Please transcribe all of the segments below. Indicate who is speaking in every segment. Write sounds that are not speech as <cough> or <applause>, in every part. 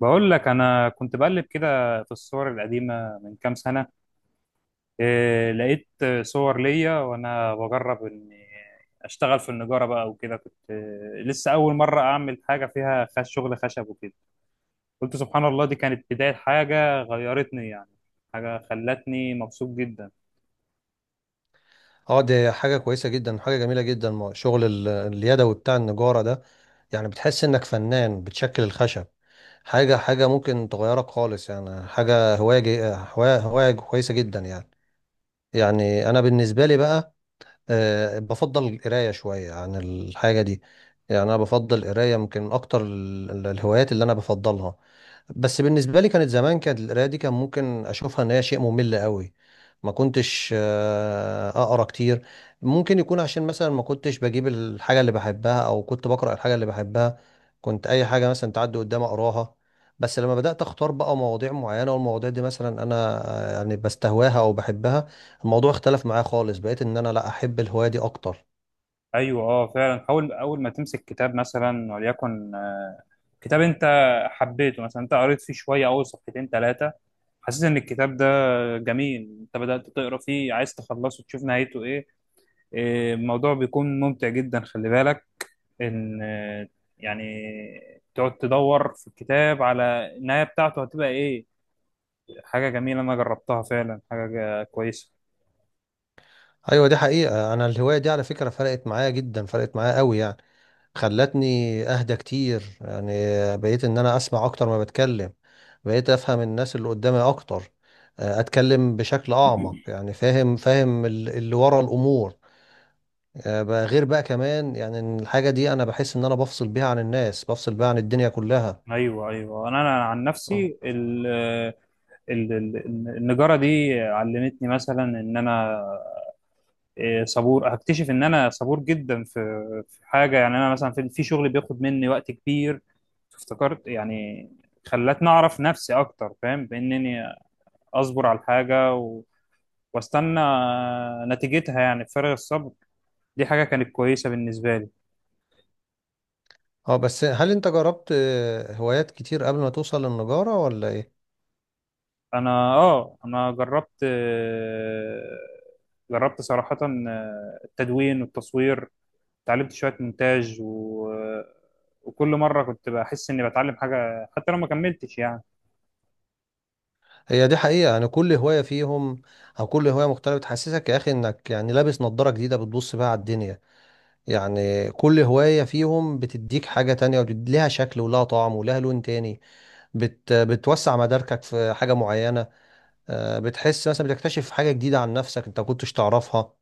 Speaker 1: بقول لك انا كنت بقلب كده في الصور القديمه من كام سنه. إيه لقيت؟ صور ليا وانا بجرب اني اشتغل في النجاره بقى وكده، كنت إيه لسه اول مره اعمل حاجه فيها خش شغل خشب وكده. قلت سبحان الله، دي كانت بدايه حاجه غيرتني يعني، حاجه خلتني مبسوط جدا.
Speaker 2: اه دي حاجة كويسة جدا، حاجة جميلة جدا، شغل اليدوي بتاع النجارة ده. يعني بتحس انك فنان بتشكل الخشب. حاجة ممكن تغيرك خالص، يعني حاجة هواية جي- هواية هواية كويسة جدا يعني. يعني انا بالنسبة لي بقى، بفضل القراية شوية عن الحاجة دي. يعني انا بفضل القراية، يمكن من اكتر الهوايات اللي انا بفضلها. بس بالنسبة لي كانت زمان، كانت القراية دي كان ممكن أشوفها إن هي شيء ممل قوي. ما كنتش أقرأ كتير. ممكن يكون عشان مثلا ما كنتش بجيب الحاجة اللي بحبها، أو كنت بقرأ الحاجة اللي بحبها. كنت أي حاجة مثلا تعدي قدامي أقراها. بس لما بدأت أختار بقى مواضيع معينة، والمواضيع دي مثلا أنا يعني بستهواها أو بحبها. الموضوع اختلف معايا خالص، بقيت إن أنا لا أحب الهواية دي أكتر.
Speaker 1: ايوه اه فعلا، اول ما تمسك كتاب مثلا وليكن كتاب انت حبيته، مثلا انت قريت فيه شويه اول صفحتين ثلاثه، حسيت ان الكتاب ده جميل، انت بدات تقرا فيه عايز تخلصه تشوف نهايته ايه. اه، الموضوع بيكون ممتع جدا، خلي بالك ان يعني تقعد تدور في الكتاب على النهايه بتاعته هتبقى ايه. حاجه جميله انا جربتها فعلا، حاجه كويسه.
Speaker 2: أيوة، دي حقيقة، أنا الهواية دي على فكرة فرقت معايا جدا، فرقت معايا قوي يعني. خلتني اهدى كتير يعني، بقيت ان انا اسمع اكتر ما بتكلم. بقيت افهم الناس اللي قدامي اكتر. اتكلم بشكل اعمق، يعني فاهم فاهم اللي ورا الامور. بقى غير بقى كمان، يعني إن الحاجة دي انا بحس ان انا بفصل بيها عن الناس، بفصل بيها عن الدنيا كلها.
Speaker 1: ايوه ايوه، انا عن
Speaker 2: اه،
Speaker 1: نفسي ال- ال- النجاره دي علمتني مثلا ان انا صبور. هكتشف ان انا صبور جدا في حاجه يعني، انا مثلا في شغل بياخد مني وقت كبير افتكرت يعني، خلتني اعرف نفسي اكتر، فاهم بانني اصبر على الحاجه واستنى نتيجتها يعني بفارغ الصبر، دي حاجه كانت كويسه بالنسبه لي.
Speaker 2: اه، بس هل انت جربت هوايات كتير قبل ما توصل للنجارة ولا ايه؟
Speaker 1: انا اه انا جربت، جربت صراحه التدوين والتصوير، اتعلمت شويه مونتاج وكل مره كنت بحس اني بتعلم حاجه حتى لو ما كملتش يعني.
Speaker 2: هي دي حقيقة، يعني كل هواية فيهم، او كل هواية مختلفة تحسسك يا اخي انك يعني لابس نظارة جديدة بتبص بيها على الدنيا. يعني كل هواية فيهم بتديك حاجة تانية، ولها شكل ولها طعم ولها لون تاني. بتوسع مداركك في حاجة معينة. بتحس مثلا بتكتشف حاجة جديدة عن نفسك انت ما كنتش تعرفها.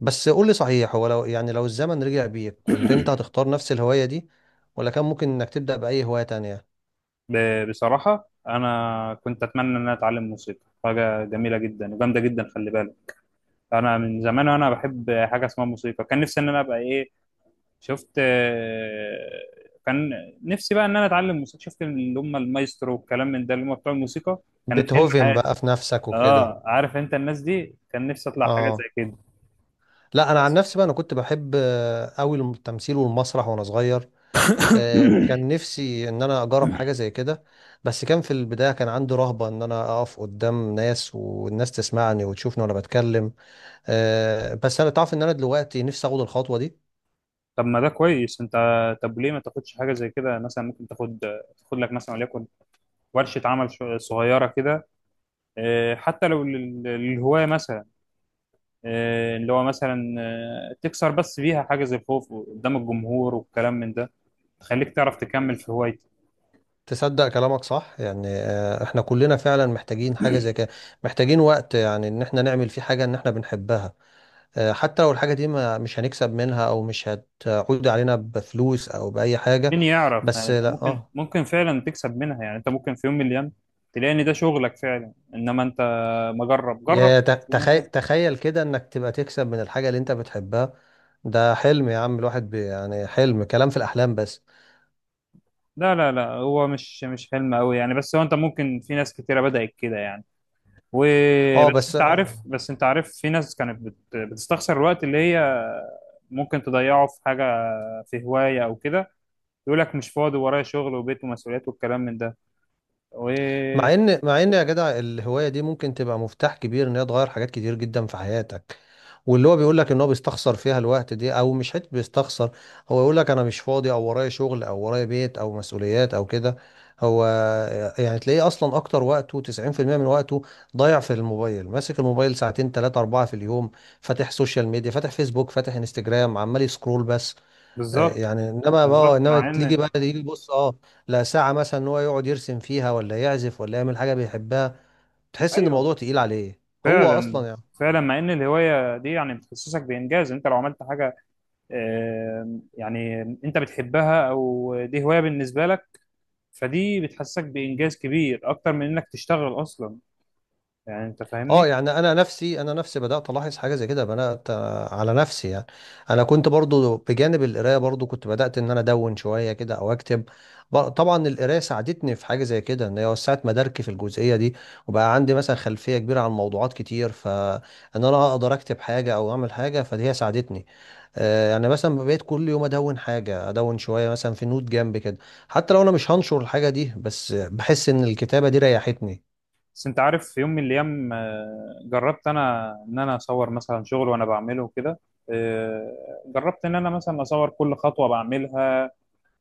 Speaker 2: بس قول لي صحيح، هو لو الزمن رجع بيك كنت انت هتختار نفس الهواية دي، ولا كان ممكن انك تبدأ بأي هواية تانية؟
Speaker 1: بصراحة أنا كنت أتمنى إن أنا أتعلم موسيقى، حاجة جميلة جدا وجامدة جدا خلي بالك. أنا من زمان وأنا بحب حاجة اسمها موسيقى، كان نفسي إن أنا أبقى إيه شفت كان نفسي بقى إن أنا أتعلم موسيقى، شفت اللي هم المايسترو والكلام من ده، اللي هم بتوع الموسيقى، كان حلم
Speaker 2: بتهوفن
Speaker 1: حياتي.
Speaker 2: بقى في نفسك وكده.
Speaker 1: آه، عارف أنت الناس دي، كان نفسي أطلع حاجة زي
Speaker 2: اه.
Speaker 1: كده.
Speaker 2: لا انا عن نفسي بقى، انا كنت بحب قوي التمثيل والمسرح وانا صغير. كان نفسي ان انا اجرب حاجه زي كده. بس كان في البدايه كان عندي رهبه ان انا اقف قدام ناس والناس تسمعني وتشوفني وانا بتكلم. بس انا تعرف ان انا دلوقتي نفسي اخد الخطوه دي.
Speaker 1: طب ما ده كويس أنت، طب ليه ما تاخدش حاجة زي كده؟ مثلا ممكن تاخد لك مثلا وليكن ورشة عمل صغيرة كده، حتى لو للهواية مثلا، اللي هو مثلا تكسر بس بيها حاجز الخوف قدام الجمهور والكلام من ده، تخليك تعرف تكمل في هوايتك.
Speaker 2: تصدق كلامك صح، يعني احنا كلنا فعلا محتاجين حاجه زي كده. محتاجين وقت يعني ان احنا نعمل فيه حاجه ان احنا بنحبها. حتى لو الحاجه دي ما مش هنكسب منها، او مش هتعود علينا بفلوس او باي حاجه.
Speaker 1: مين يعرف يعني؟
Speaker 2: بس
Speaker 1: انت
Speaker 2: لا،
Speaker 1: ممكن
Speaker 2: اه.
Speaker 1: فعلا تكسب منها، يعني انت ممكن في يوم من الايام تلاقي ان ده شغلك فعلا، انما انت ما جرب جرب
Speaker 2: يا تخيل،
Speaker 1: وممكن.
Speaker 2: تخيل كده انك تبقى تكسب من الحاجة اللي انت بتحبها. ده حلم يا عم الواحد، بي يعني حلم، كلام في الاحلام بس.
Speaker 1: لا لا لا، هو مش حلم قوي يعني، بس هو انت ممكن، في ناس كتيره بدأت كده يعني.
Speaker 2: اه،
Speaker 1: وبس
Speaker 2: بس
Speaker 1: انت عارف بس انت عارف في ناس كانت بتستخسر الوقت اللي هي ممكن تضيعه في حاجه، في هواية أو كده، يقول لك مش فاضي ورايا شغل وبيت ومسؤوليات والكلام من ده، وبالظبط.
Speaker 2: مع ان يا جدع الهوايه دي ممكن تبقى مفتاح كبير ان هي تغير حاجات كتير جدا في حياتك. واللي هو بيقول لك ان هو بيستخسر فيها الوقت دي، او مش حته بيستخسر، هو يقول لك انا مش فاضي، او ورايا شغل او ورايا بيت او مسؤوليات او كده. هو يعني تلاقيه اصلا اكتر وقته 90% من وقته ضايع في الموبايل، ماسك الموبايل ساعتين ثلاثة أربعة في اليوم. فاتح سوشيال ميديا، فاتح فيسبوك، فاتح انستجرام، عمال يسكرول بس. يعني انما اه
Speaker 1: بالظبط
Speaker 2: انما
Speaker 1: مع
Speaker 2: تيجي
Speaker 1: إن.
Speaker 2: بقى يجي يبص، لا ساعة مثلا ان هو يقعد يرسم فيها ولا يعزف ولا يعمل حاجة بيحبها، تحس ان
Speaker 1: أيوه
Speaker 2: الموضوع تقيل عليه هو
Speaker 1: فعلا،
Speaker 2: اصلا يعني.
Speaker 1: فعلا مع إن الهواية دي يعني بتحسسك بإنجاز، أنت لو عملت حاجة يعني أنت بتحبها أو دي هواية بالنسبة لك، فدي بتحسسك بإنجاز كبير أكتر من إنك تشتغل أصلا، يعني أنت
Speaker 2: اه،
Speaker 1: فاهمني.
Speaker 2: يعني انا نفسي بدات الاحظ حاجه زي كده، بدات على نفسي يعني. انا كنت برضو بجانب القرايه، برضو كنت بدات ان انا ادون شويه كده او اكتب. طبعا القرايه ساعدتني في حاجه زي كده، ان هي وسعت مداركي في الجزئيه دي، وبقى عندي مثلا خلفيه كبيره عن موضوعات كتير، فان انا اقدر اكتب حاجه او اعمل حاجه، فدي هي ساعدتني. يعني مثلا بقيت كل يوم ادون حاجه، ادون شويه مثلا في نوت جنب كده، حتى لو انا مش هنشر الحاجه دي، بس بحس ان الكتابه دي ريحتني.
Speaker 1: بس انت عارف في يوم من الايام جربت انا ان انا اصور مثلا شغل وانا بعمله وكده، جربت ان انا مثلا اصور كل خطوه بعملها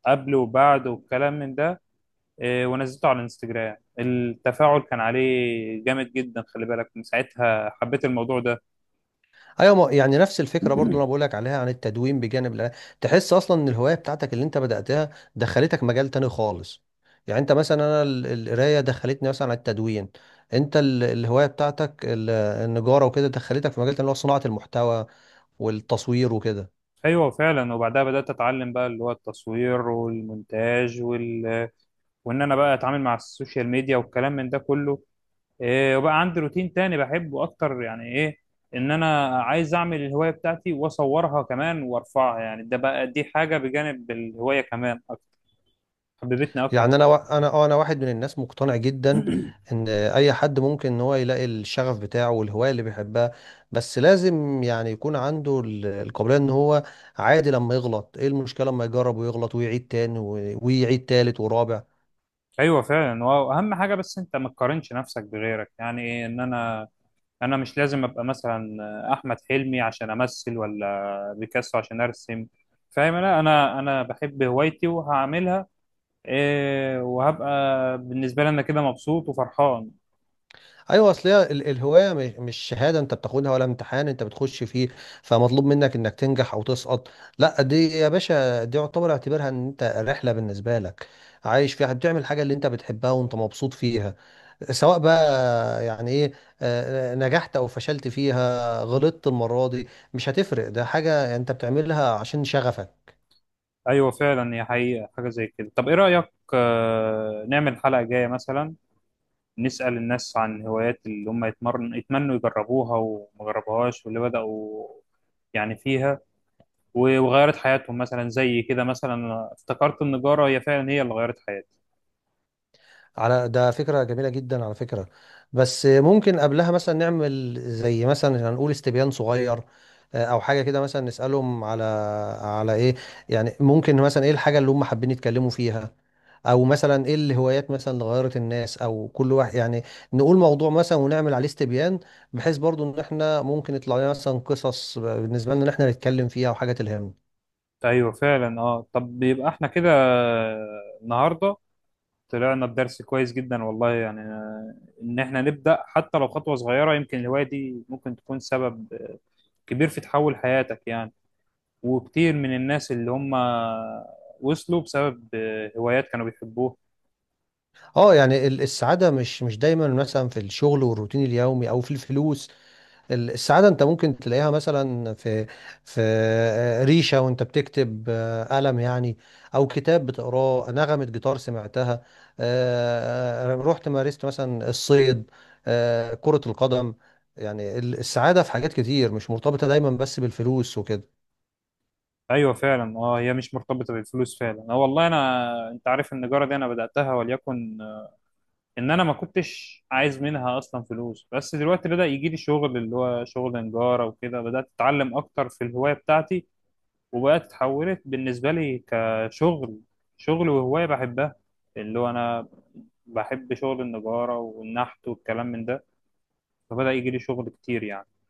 Speaker 1: قبل وبعد والكلام من ده، ونزلته على الانستجرام، التفاعل كان عليه جامد جدا خلي بالك، من ساعتها حبيت الموضوع ده.
Speaker 2: ايوه، يعني نفس الفكره برضو اللي انا بقول
Speaker 1: <clears throat>
Speaker 2: لك عليها عن التدوين بجانب تحس اصلا ان الهوايه بتاعتك اللي انت بداتها دخلتك مجال تاني خالص. يعني انت مثلا، انا القرايه دخلتني مثلا على التدوين، انت الهوايه بتاعتك النجاره وكده دخلتك في مجال تاني اللي هو صناعه المحتوى والتصوير وكده.
Speaker 1: ايوه فعلا، وبعدها بدات اتعلم بقى اللي هو التصوير والمونتاج وان انا بقى اتعامل مع السوشيال ميديا والكلام من ده كله، إيه وبقى عندي روتين تاني بحبه اكتر يعني ايه، ان انا عايز اعمل الهواية بتاعتي واصورها كمان وارفعها، يعني ده بقى دي حاجة بجانب الهواية كمان اكتر، حببتني اكتر.
Speaker 2: يعني انا وا- انا آه، انا واحد من الناس مقتنع جدا ان اي حد ممكن ان هو يلاقي الشغف بتاعه والهوايه اللي بيحبها. بس لازم يعني يكون عنده القابليه ان هو عادي لما يغلط. ايه المشكله لما يجرب ويغلط ويعيد تاني، ويعيد تالت ورابع.
Speaker 1: ايوه فعلا، واهم حاجة بس انت ما تقارنش نفسك بغيرك، يعني ايه، ان انا مش لازم ابقى مثلا احمد حلمي عشان امثل، ولا بيكاسو عشان ارسم، فاهم؟ لا انا بحب هوايتي وهعملها، إيه وهبقى بالنسبة لي انا كده مبسوط وفرحان.
Speaker 2: ايوه، اصل هي الهوايه مش شهاده انت بتاخدها، ولا امتحان انت بتخش فيه فمطلوب منك انك تنجح او تسقط. لا، دي يا باشا دي اعتبرها ان انت رحله بالنسبه لك، عايش فيها بتعمل حاجه اللي انت بتحبها وانت مبسوط فيها. سواء بقى يعني ايه، نجحت او فشلت فيها، غلطت المرة دي مش هتفرق، ده حاجة انت بتعملها عشان شغفك.
Speaker 1: ايوه فعلا، هي حقيقه حاجه زي كده. طب ايه رايك نعمل حلقه جايه مثلا، نسال الناس عن هوايات اللي هم يتمنوا يجربوها وما جربوهاش، واللي بداوا يعني فيها وغيرت حياتهم مثلا زي كده، مثلا أنا افتكرت النجاره هي فعلا هي اللي غيرت حياتي.
Speaker 2: على ده فكرة جميلة جدا على فكرة. بس ممكن قبلها مثلا نعمل زي مثلا هنقول استبيان صغير، او حاجة كده، مثلا نسألهم على، على ايه؟ يعني ممكن مثلا ايه الحاجة اللي هم حابين يتكلموا فيها، او مثلا ايه الهوايات مثلا اللي غيرت الناس او كل واحد يعني. نقول موضوع مثلا ونعمل عليه استبيان، بحيث برضو ان احنا ممكن يطلع لنا مثلا قصص بالنسبة لنا ان احنا نتكلم فيها وحاجة تلهمنا.
Speaker 1: ايوه فعلا اه، طب يبقى احنا كده النهارده طلعنا بدرس كويس جدا والله يعني، ان احنا نبدا حتى لو خطوه صغيره، يمكن الهوايه دي ممكن تكون سبب كبير في تحول حياتك يعني، وكتير من الناس اللي هم وصلوا بسبب هوايات كانوا بيحبوها.
Speaker 2: اه، يعني السعادة مش دايما مثلا في الشغل والروتين اليومي او في الفلوس. السعادة انت ممكن تلاقيها مثلا في ريشة وانت بتكتب، قلم يعني، او كتاب بتقراه، نغمة جيتار سمعتها. رحت مارست مثلا الصيد، كرة القدم. يعني السعادة في حاجات كتير، مش مرتبطة دايما بس بالفلوس وكده.
Speaker 1: ايوه فعلا اه، هي مش مرتبطه بالفلوس فعلا اه والله، انا انت عارف النجاره دي انا بداتها وليكن ان انا ما كنتش عايز منها اصلا فلوس، بس دلوقتي بدا يجي لي شغل اللي هو شغل نجاره وكده، بدات اتعلم اكتر في الهوايه بتاعتي، وبقت اتحولت بالنسبه لي كشغل، شغل وهوايه بحبها اللي هو انا بحب شغل النجاره والنحت والكلام من ده، فبدا يجي لي شغل كتير يعني.